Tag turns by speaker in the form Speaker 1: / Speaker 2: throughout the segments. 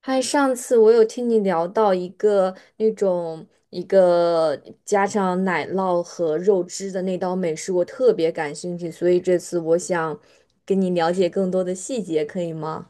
Speaker 1: 嗨，上次我有听你聊到一个加上奶酪和肉汁的那道美食，我特别感兴趣，所以这次我想跟你了解更多的细节，可以吗？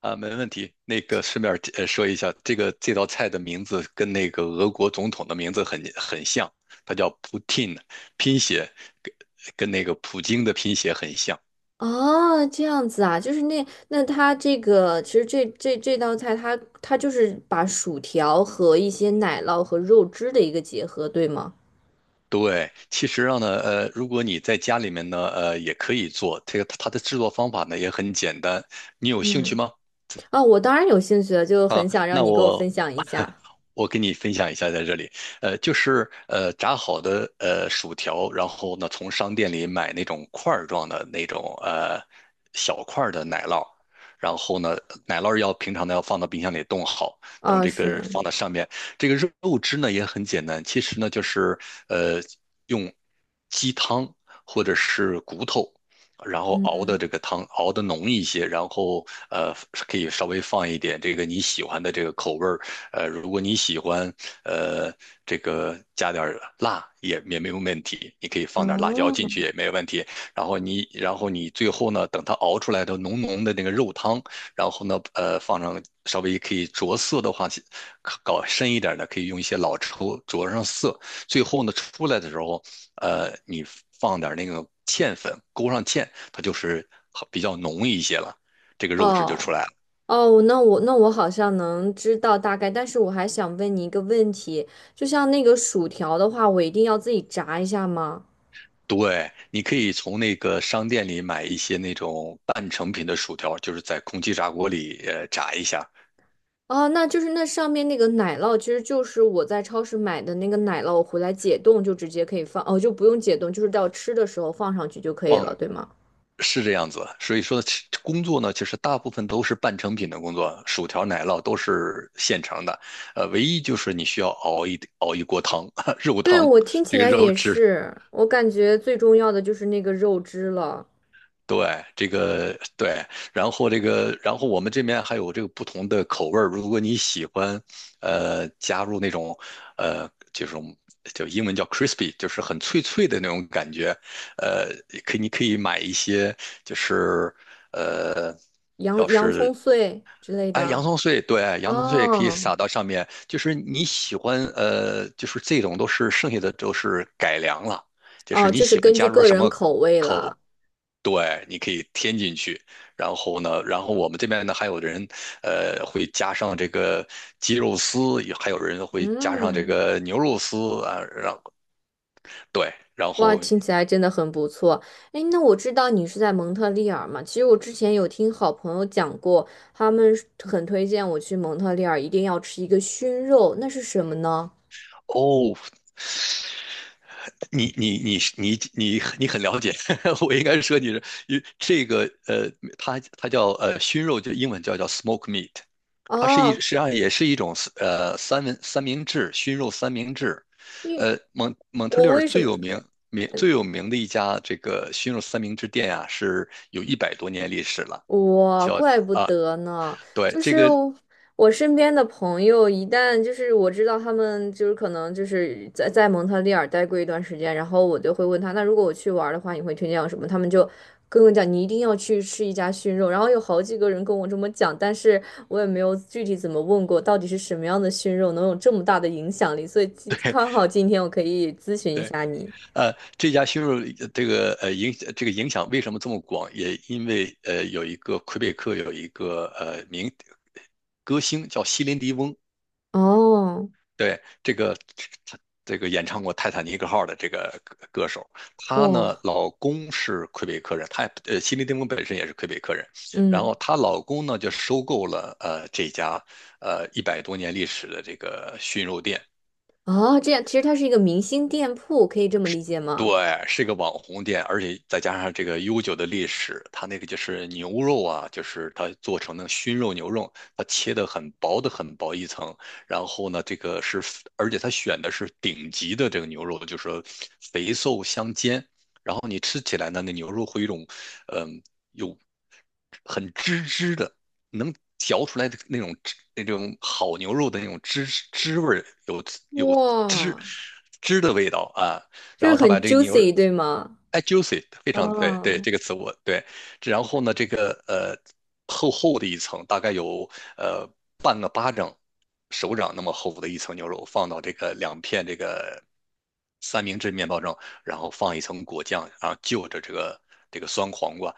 Speaker 2: 啊，没问题。那个顺便说一下，这道菜的名字跟那个俄国总统的名字很像，它叫 Putin，拼写跟跟那个普京的拼写很像。
Speaker 1: 哦，这样子啊，就是那它这个其实这道菜它就是把薯条和一些奶酪和肉汁的一个结合，对吗？
Speaker 2: 对，其实上呢，如果你在家里面呢，也可以做。这个它的制作方法呢也很简单，你有兴趣
Speaker 1: 嗯，
Speaker 2: 吗？
Speaker 1: 啊，我当然有兴趣了，就
Speaker 2: 啊，
Speaker 1: 很想让
Speaker 2: 那
Speaker 1: 你给我
Speaker 2: 我
Speaker 1: 分享一 下。
Speaker 2: 我给你分享一下，在这里，呃，就是炸好的薯条，然后呢从商店里买那种块儿状的那种小块儿的奶酪，然后呢奶酪要平常的要放到冰箱里冻好，等
Speaker 1: 啊，
Speaker 2: 这个放
Speaker 1: 是，
Speaker 2: 到上面，这个肉汁呢也很简单，其实呢就是呃用鸡汤或者是骨头。然后熬的
Speaker 1: 嗯，
Speaker 2: 这个汤熬的浓一些，然后呃可以稍微放一点这个你喜欢的这个口味儿，呃，如果你喜欢呃这个加点儿辣也没有问题，你可以放点辣椒进
Speaker 1: 哦。
Speaker 2: 去也没有问题。然后你最后呢，等它熬出来的浓浓的那个肉汤，然后呢放上稍微可以着色的话，搞深一点的可以用一些老抽着上色，最后呢出来的时候。呃，你放点那个芡粉，勾上芡，它就是好比较浓一些了，这个肉质就出
Speaker 1: 哦
Speaker 2: 来了。
Speaker 1: 哦，那我好像能知道大概，但是我还想问你一个问题，就像那个薯条的话，我一定要自己炸一下吗？
Speaker 2: 对，你可以从那个商店里买一些那种半成品的薯条，就是在空气炸锅里炸一下，
Speaker 1: 哦，那就是那上面那个奶酪，其实就是我在超市买的那个奶酪，我回来解冻就直接可以放，哦，就不用解冻，就是到吃的时候放上去就可以
Speaker 2: 放
Speaker 1: 了，对吗？
Speaker 2: 是这样子。所以说其工作呢，其实大部分都是半成品的工作，薯条、奶酪都是现成的，呃，唯一就是你需要熬一锅汤，肉
Speaker 1: 对，
Speaker 2: 汤，
Speaker 1: 我听起
Speaker 2: 这个
Speaker 1: 来
Speaker 2: 肉
Speaker 1: 也
Speaker 2: 汁。
Speaker 1: 是，我感觉最重要的就是那个肉汁了。
Speaker 2: 对，这个对，然后这个，然后我们这边还有这个不同的口味儿。如果你喜欢，呃，加入那种，呃，这种就英文叫 crispy，就是很脆脆的那种感觉，呃，你可以买一些，就是呃，
Speaker 1: 洋
Speaker 2: 要
Speaker 1: 洋葱
Speaker 2: 是
Speaker 1: 碎之类
Speaker 2: 洋
Speaker 1: 的。
Speaker 2: 葱碎，对，洋葱碎可以
Speaker 1: 哦
Speaker 2: 撒到上面，就是你喜欢，呃，就是这种都是剩下的都是改良了。就是
Speaker 1: 哦，
Speaker 2: 你
Speaker 1: 就是
Speaker 2: 喜欢
Speaker 1: 根
Speaker 2: 加
Speaker 1: 据
Speaker 2: 入
Speaker 1: 个
Speaker 2: 什
Speaker 1: 人
Speaker 2: 么
Speaker 1: 口味了。
Speaker 2: 对，你可以添进去，然后呢，然后我们这边呢还有人，呃，会加上这个鸡肉丝，也还有人会加上这
Speaker 1: 嗯，
Speaker 2: 个牛肉丝啊，然后对，然
Speaker 1: 哇，
Speaker 2: 后
Speaker 1: 听起来真的很不错。哎，那我知道你是在蒙特利尔嘛？其实我之前有听好朋友讲过，他们是很推荐我去蒙特利尔，一定要吃一个熏肉，那是什么呢？
Speaker 2: 哦，你很了解，我应该说你是，因为这个呃，它它叫熏肉，就英文叫 smoke meat，它是实
Speaker 1: 哦，
Speaker 2: 际上也是一种三明治熏肉三明治，
Speaker 1: 因为
Speaker 2: 蒙特利
Speaker 1: 我
Speaker 2: 尔
Speaker 1: 为什么？
Speaker 2: 最有名的一家这个熏肉三明治店啊，是有一百多年历史了，
Speaker 1: 哇，
Speaker 2: 叫
Speaker 1: 怪不
Speaker 2: 啊
Speaker 1: 得呢！
Speaker 2: 对
Speaker 1: 就
Speaker 2: 这
Speaker 1: 是
Speaker 2: 个
Speaker 1: 我身边的朋友，一旦就是我知道他们就是可能就是在蒙特利尔待过一段时间，然后我就会问他，那如果我去玩儿的话，你会推荐我什么？他们就跟我讲，你一定要去吃一家熏肉。然后有好几个人跟我这么讲，但是我也没有具体怎么问过，到底是什么样的熏肉能有这么大的影响力？所以今刚好今天我可以咨询一下你。
Speaker 2: 这家熏肉这个这个影响为什么这么广，也因为有一个魁北克有一个名歌星叫席林迪翁，
Speaker 1: 哦，
Speaker 2: 对，这个这这个演唱过《泰坦尼克号》的这个歌手，她呢，
Speaker 1: 哇，
Speaker 2: 老公是魁北克人，她，西琳·迪翁本身也是魁北克人，然
Speaker 1: 嗯。
Speaker 2: 后她老公呢就收购了这家一百多年历史的这个熏肉店，
Speaker 1: 哦，这样其实它是一个明星店铺，可以这么理解吗？
Speaker 2: 对，是个网红店，而且再加上这个悠久的历史，它那个就是牛肉啊，就是它做成的熏肉牛肉，它切的很薄的很薄一层，然后呢，这个是，而且它选的是顶级的这个牛肉，就是说肥瘦相间，然后你吃起来呢，那牛肉会有一种，嗯，有很汁汁的，能嚼出来的那种汁那种好牛肉的那种汁汁味儿，有汁
Speaker 1: 哇，
Speaker 2: 汁的味道啊。
Speaker 1: 就
Speaker 2: 然
Speaker 1: 是
Speaker 2: 后他把
Speaker 1: 很
Speaker 2: 这个牛
Speaker 1: juicy,对吗？
Speaker 2: juicy 非常对
Speaker 1: 哦，
Speaker 2: 这个词我对，然后呢这个厚厚的一层，大概有呃半个巴掌手掌那么厚的一层牛肉，放到这个两片这个三明治面包上，然后放一层果酱，然后就着这个酸黄瓜。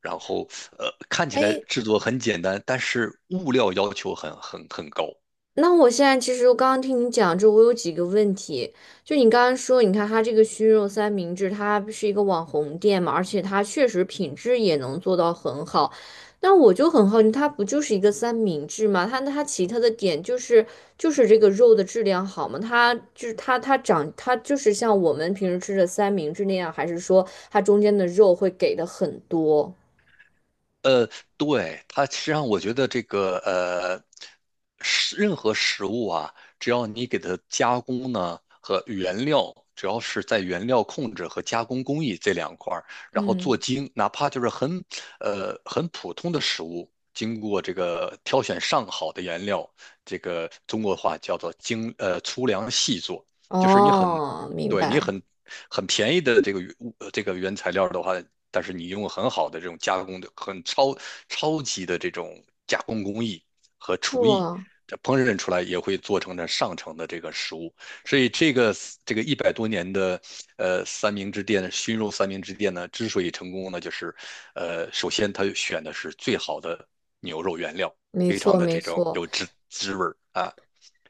Speaker 2: 然后，看起来
Speaker 1: 哎，
Speaker 2: 制作很简单，但是物料要求很高。
Speaker 1: 那我现在其实我刚刚听你讲就我有几个问题。就你刚刚说，你看它这个熏肉三明治，它是一个网红店嘛，而且它确实品质也能做到很好。那我就很好奇，它不就是一个三明治吗？它它其他的点就是就是这个肉的质量好吗？它就是它长它就是像我们平时吃的三明治那样，还是说它中间的肉会给的很多？
Speaker 2: 呃，对，它实际上我觉得这个呃，任何食物啊，只要你给它加工呢和原料，只要是在原料控制和加工工艺这两块儿，然后做
Speaker 1: 嗯，
Speaker 2: 精，哪怕就是很普通的食物，经过这个挑选上好的原料，这个中国话叫做粗粮细做，就是你很
Speaker 1: 哦，明
Speaker 2: 对你
Speaker 1: 白。
Speaker 2: 很很便宜的这个这个原材料的话，但是你用很好的这种加工的、超级的这种加工工艺和厨艺，
Speaker 1: 哇，
Speaker 2: 这烹饪出来也会做成这上乘的这个食物。所以这个这个一百多年的呃三明治店熏肉三明治店呢，之所以成功呢，就是首先它选的是最好的牛肉原料，
Speaker 1: 没
Speaker 2: 非常
Speaker 1: 错
Speaker 2: 的
Speaker 1: 没
Speaker 2: 这种
Speaker 1: 错。
Speaker 2: 有滋滋味儿啊。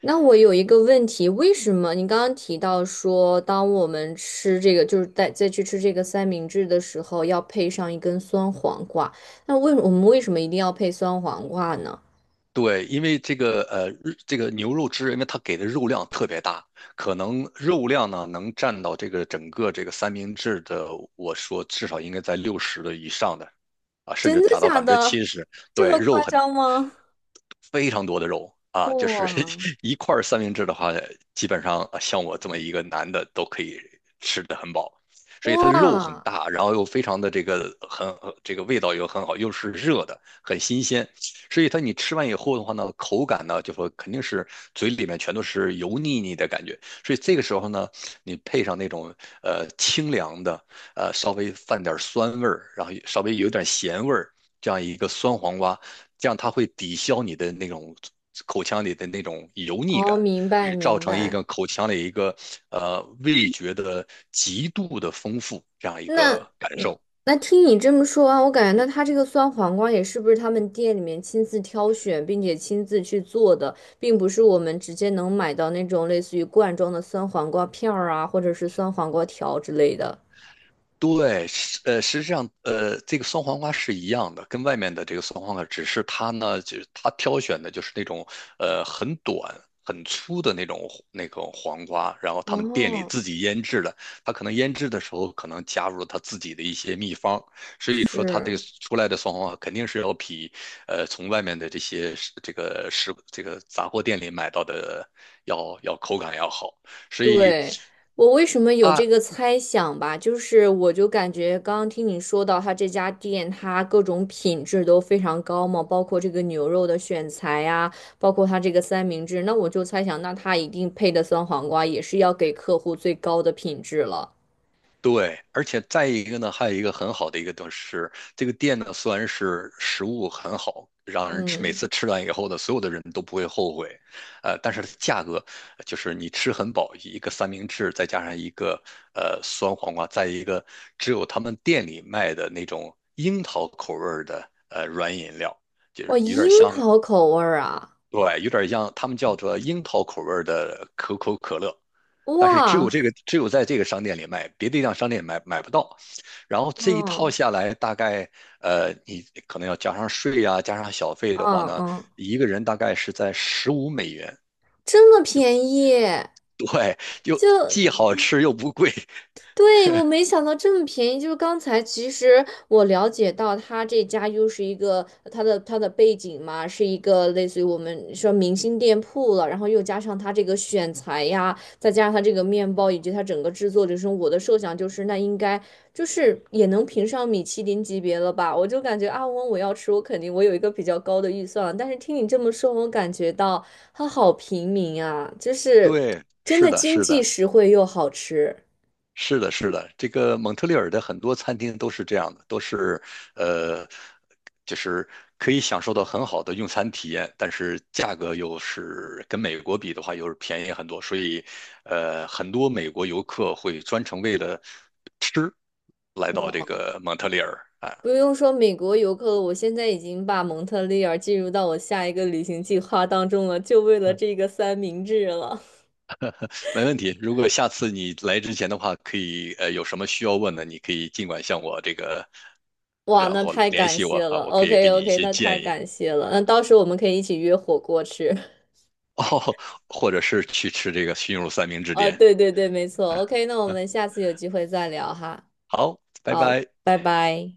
Speaker 1: 那我有一个问题，为什么你刚刚提到说，当我们吃这个，就是在再去吃这个三明治的时候，要配上一根酸黄瓜？那为我们为什么一定要配酸黄瓜呢？
Speaker 2: 对，因为这个，这个牛肉汁，因为它给的肉量特别大，可能肉量呢能占到这个整个这个三明治的，我说至少应该在60的以上的，啊，甚
Speaker 1: 真
Speaker 2: 至
Speaker 1: 的
Speaker 2: 达到百
Speaker 1: 假
Speaker 2: 分之
Speaker 1: 的？
Speaker 2: 七十，
Speaker 1: 这
Speaker 2: 对，
Speaker 1: 么夸张吗？
Speaker 2: 非常多的肉啊，就是
Speaker 1: 哇
Speaker 2: 一块儿三明治的话，基本上啊像我这么一个男的都可以吃得很饱，所以它的肉很
Speaker 1: 哇，
Speaker 2: 大，然后又非常的这个这个味道又很好，又是热的，很新鲜，所以它你吃完以后的话呢，口感呢就说肯定是嘴里面全都是油腻腻的感觉，所以这个时候呢，你配上那种清凉的。呃，稍微泛点酸味儿，然后稍微有点咸味儿，这样一个酸黄瓜，这样它会抵消你的那种口腔里的那种油腻
Speaker 1: 哦，
Speaker 2: 感，
Speaker 1: 明白
Speaker 2: 也造
Speaker 1: 明
Speaker 2: 成一
Speaker 1: 白。
Speaker 2: 个口腔里一个味觉的极度的丰富这样一个
Speaker 1: 那
Speaker 2: 感
Speaker 1: 嗯，
Speaker 2: 受。
Speaker 1: 那听你这么说啊，我感觉那他这个酸黄瓜也是不是他们店里面亲自挑选，并且亲自去做的，并不是我们直接能买到那种类似于罐装的酸黄瓜片儿啊，或者是酸黄瓜条之类的。
Speaker 2: 对，是，实际上，呃，这个酸黄瓜是一样的，跟外面的这个酸黄瓜，只是它呢，就是它挑选的就是那种很短、很粗的那种黄瓜，然后他们店里
Speaker 1: 哦，
Speaker 2: 自己腌制的，它可能腌制的时候可能加入了它自己的一些秘方，所以说它这个
Speaker 1: 是。
Speaker 2: 出来的酸黄瓜肯定是要比从外面的这些这个食这个杂货店里买到的口感要好。所以
Speaker 1: 对，我为什么有
Speaker 2: 啊。
Speaker 1: 这个猜想吧？就是我就感觉刚刚听你说到他这家店，它各种品质都非常高嘛，包括这个牛肉的选材呀，包括它这个三明治，那我就猜想，那它一定配的酸黄瓜也是要给客户最高的品质了。
Speaker 2: 对，而且再一个呢，还有一个很好的一个东西是，这个店呢虽然是食物很好，让人每次吃完以后呢，所有的人都不会后悔，呃，但是它价格就是你吃很饱，一个三明治再加上一个酸黄瓜，再一个只有他们店里卖的那种樱桃口味儿的软饮料，就
Speaker 1: 哇，
Speaker 2: 是有点
Speaker 1: 樱
Speaker 2: 像，
Speaker 1: 桃口味儿啊！
Speaker 2: 对，有点像他们叫做樱桃口味儿的可口可乐，但是
Speaker 1: 哇，
Speaker 2: 只有在这个商店里卖，别的地方商店不到。然后这一套
Speaker 1: 嗯
Speaker 2: 下来，大概你可能要加上税呀，加上小费的话
Speaker 1: 嗯
Speaker 2: 呢，
Speaker 1: 嗯，
Speaker 2: 一个人大概是在$15。
Speaker 1: 这么便宜，
Speaker 2: 对，又
Speaker 1: 就
Speaker 2: 既好吃又不贵。
Speaker 1: 对，我没想到这么便宜。就是刚才其实我了解到，他这家又是一个他的背景嘛，是一个类似于我们说明星店铺了，然后又加上他这个选材呀，再加上他这个面包以及他整个制作流程，我的设想就是那应该就是也能评上米其林级别了吧？我就感觉啊，我要吃，我肯定我有一个比较高的预算了。但是听你这么说，我感觉到它好平民啊，就是
Speaker 2: 对，
Speaker 1: 真
Speaker 2: 是
Speaker 1: 的
Speaker 2: 的，
Speaker 1: 经
Speaker 2: 是
Speaker 1: 济
Speaker 2: 的。
Speaker 1: 实惠又好吃。
Speaker 2: 是的，是的，这个蒙特利尔的很多餐厅都是这样的，都是呃，就是可以享受到很好的用餐体验，但是价格又是跟美国比的话又是便宜很多，所以呃，很多美国游客会专程为了吃来到这个蒙特利尔啊，
Speaker 1: 不用说美国游客了，我现在已经把蒙特利尔进入到我下一个旅行计划当中了，就为了这个三明治了。
Speaker 2: 没问题。如果下次你来之前的话，可以有什么需要问的，你可以尽管向我这个，
Speaker 1: 哇，
Speaker 2: 然
Speaker 1: 那
Speaker 2: 后
Speaker 1: 太
Speaker 2: 联
Speaker 1: 感
Speaker 2: 系我
Speaker 1: 谢
Speaker 2: 啊，
Speaker 1: 了。
Speaker 2: 我可以
Speaker 1: OK
Speaker 2: 给你一
Speaker 1: OK,
Speaker 2: 些
Speaker 1: 那太
Speaker 2: 建议。
Speaker 1: 感谢了。那到时候我们可以一起约火锅吃。
Speaker 2: 哦，或者是去吃这个熏肉三明 治
Speaker 1: 哦，
Speaker 2: 店。
Speaker 1: 对对对，没错。OK,那我们下次有机会再聊哈。
Speaker 2: 好，拜
Speaker 1: 好，
Speaker 2: 拜。
Speaker 1: 拜拜。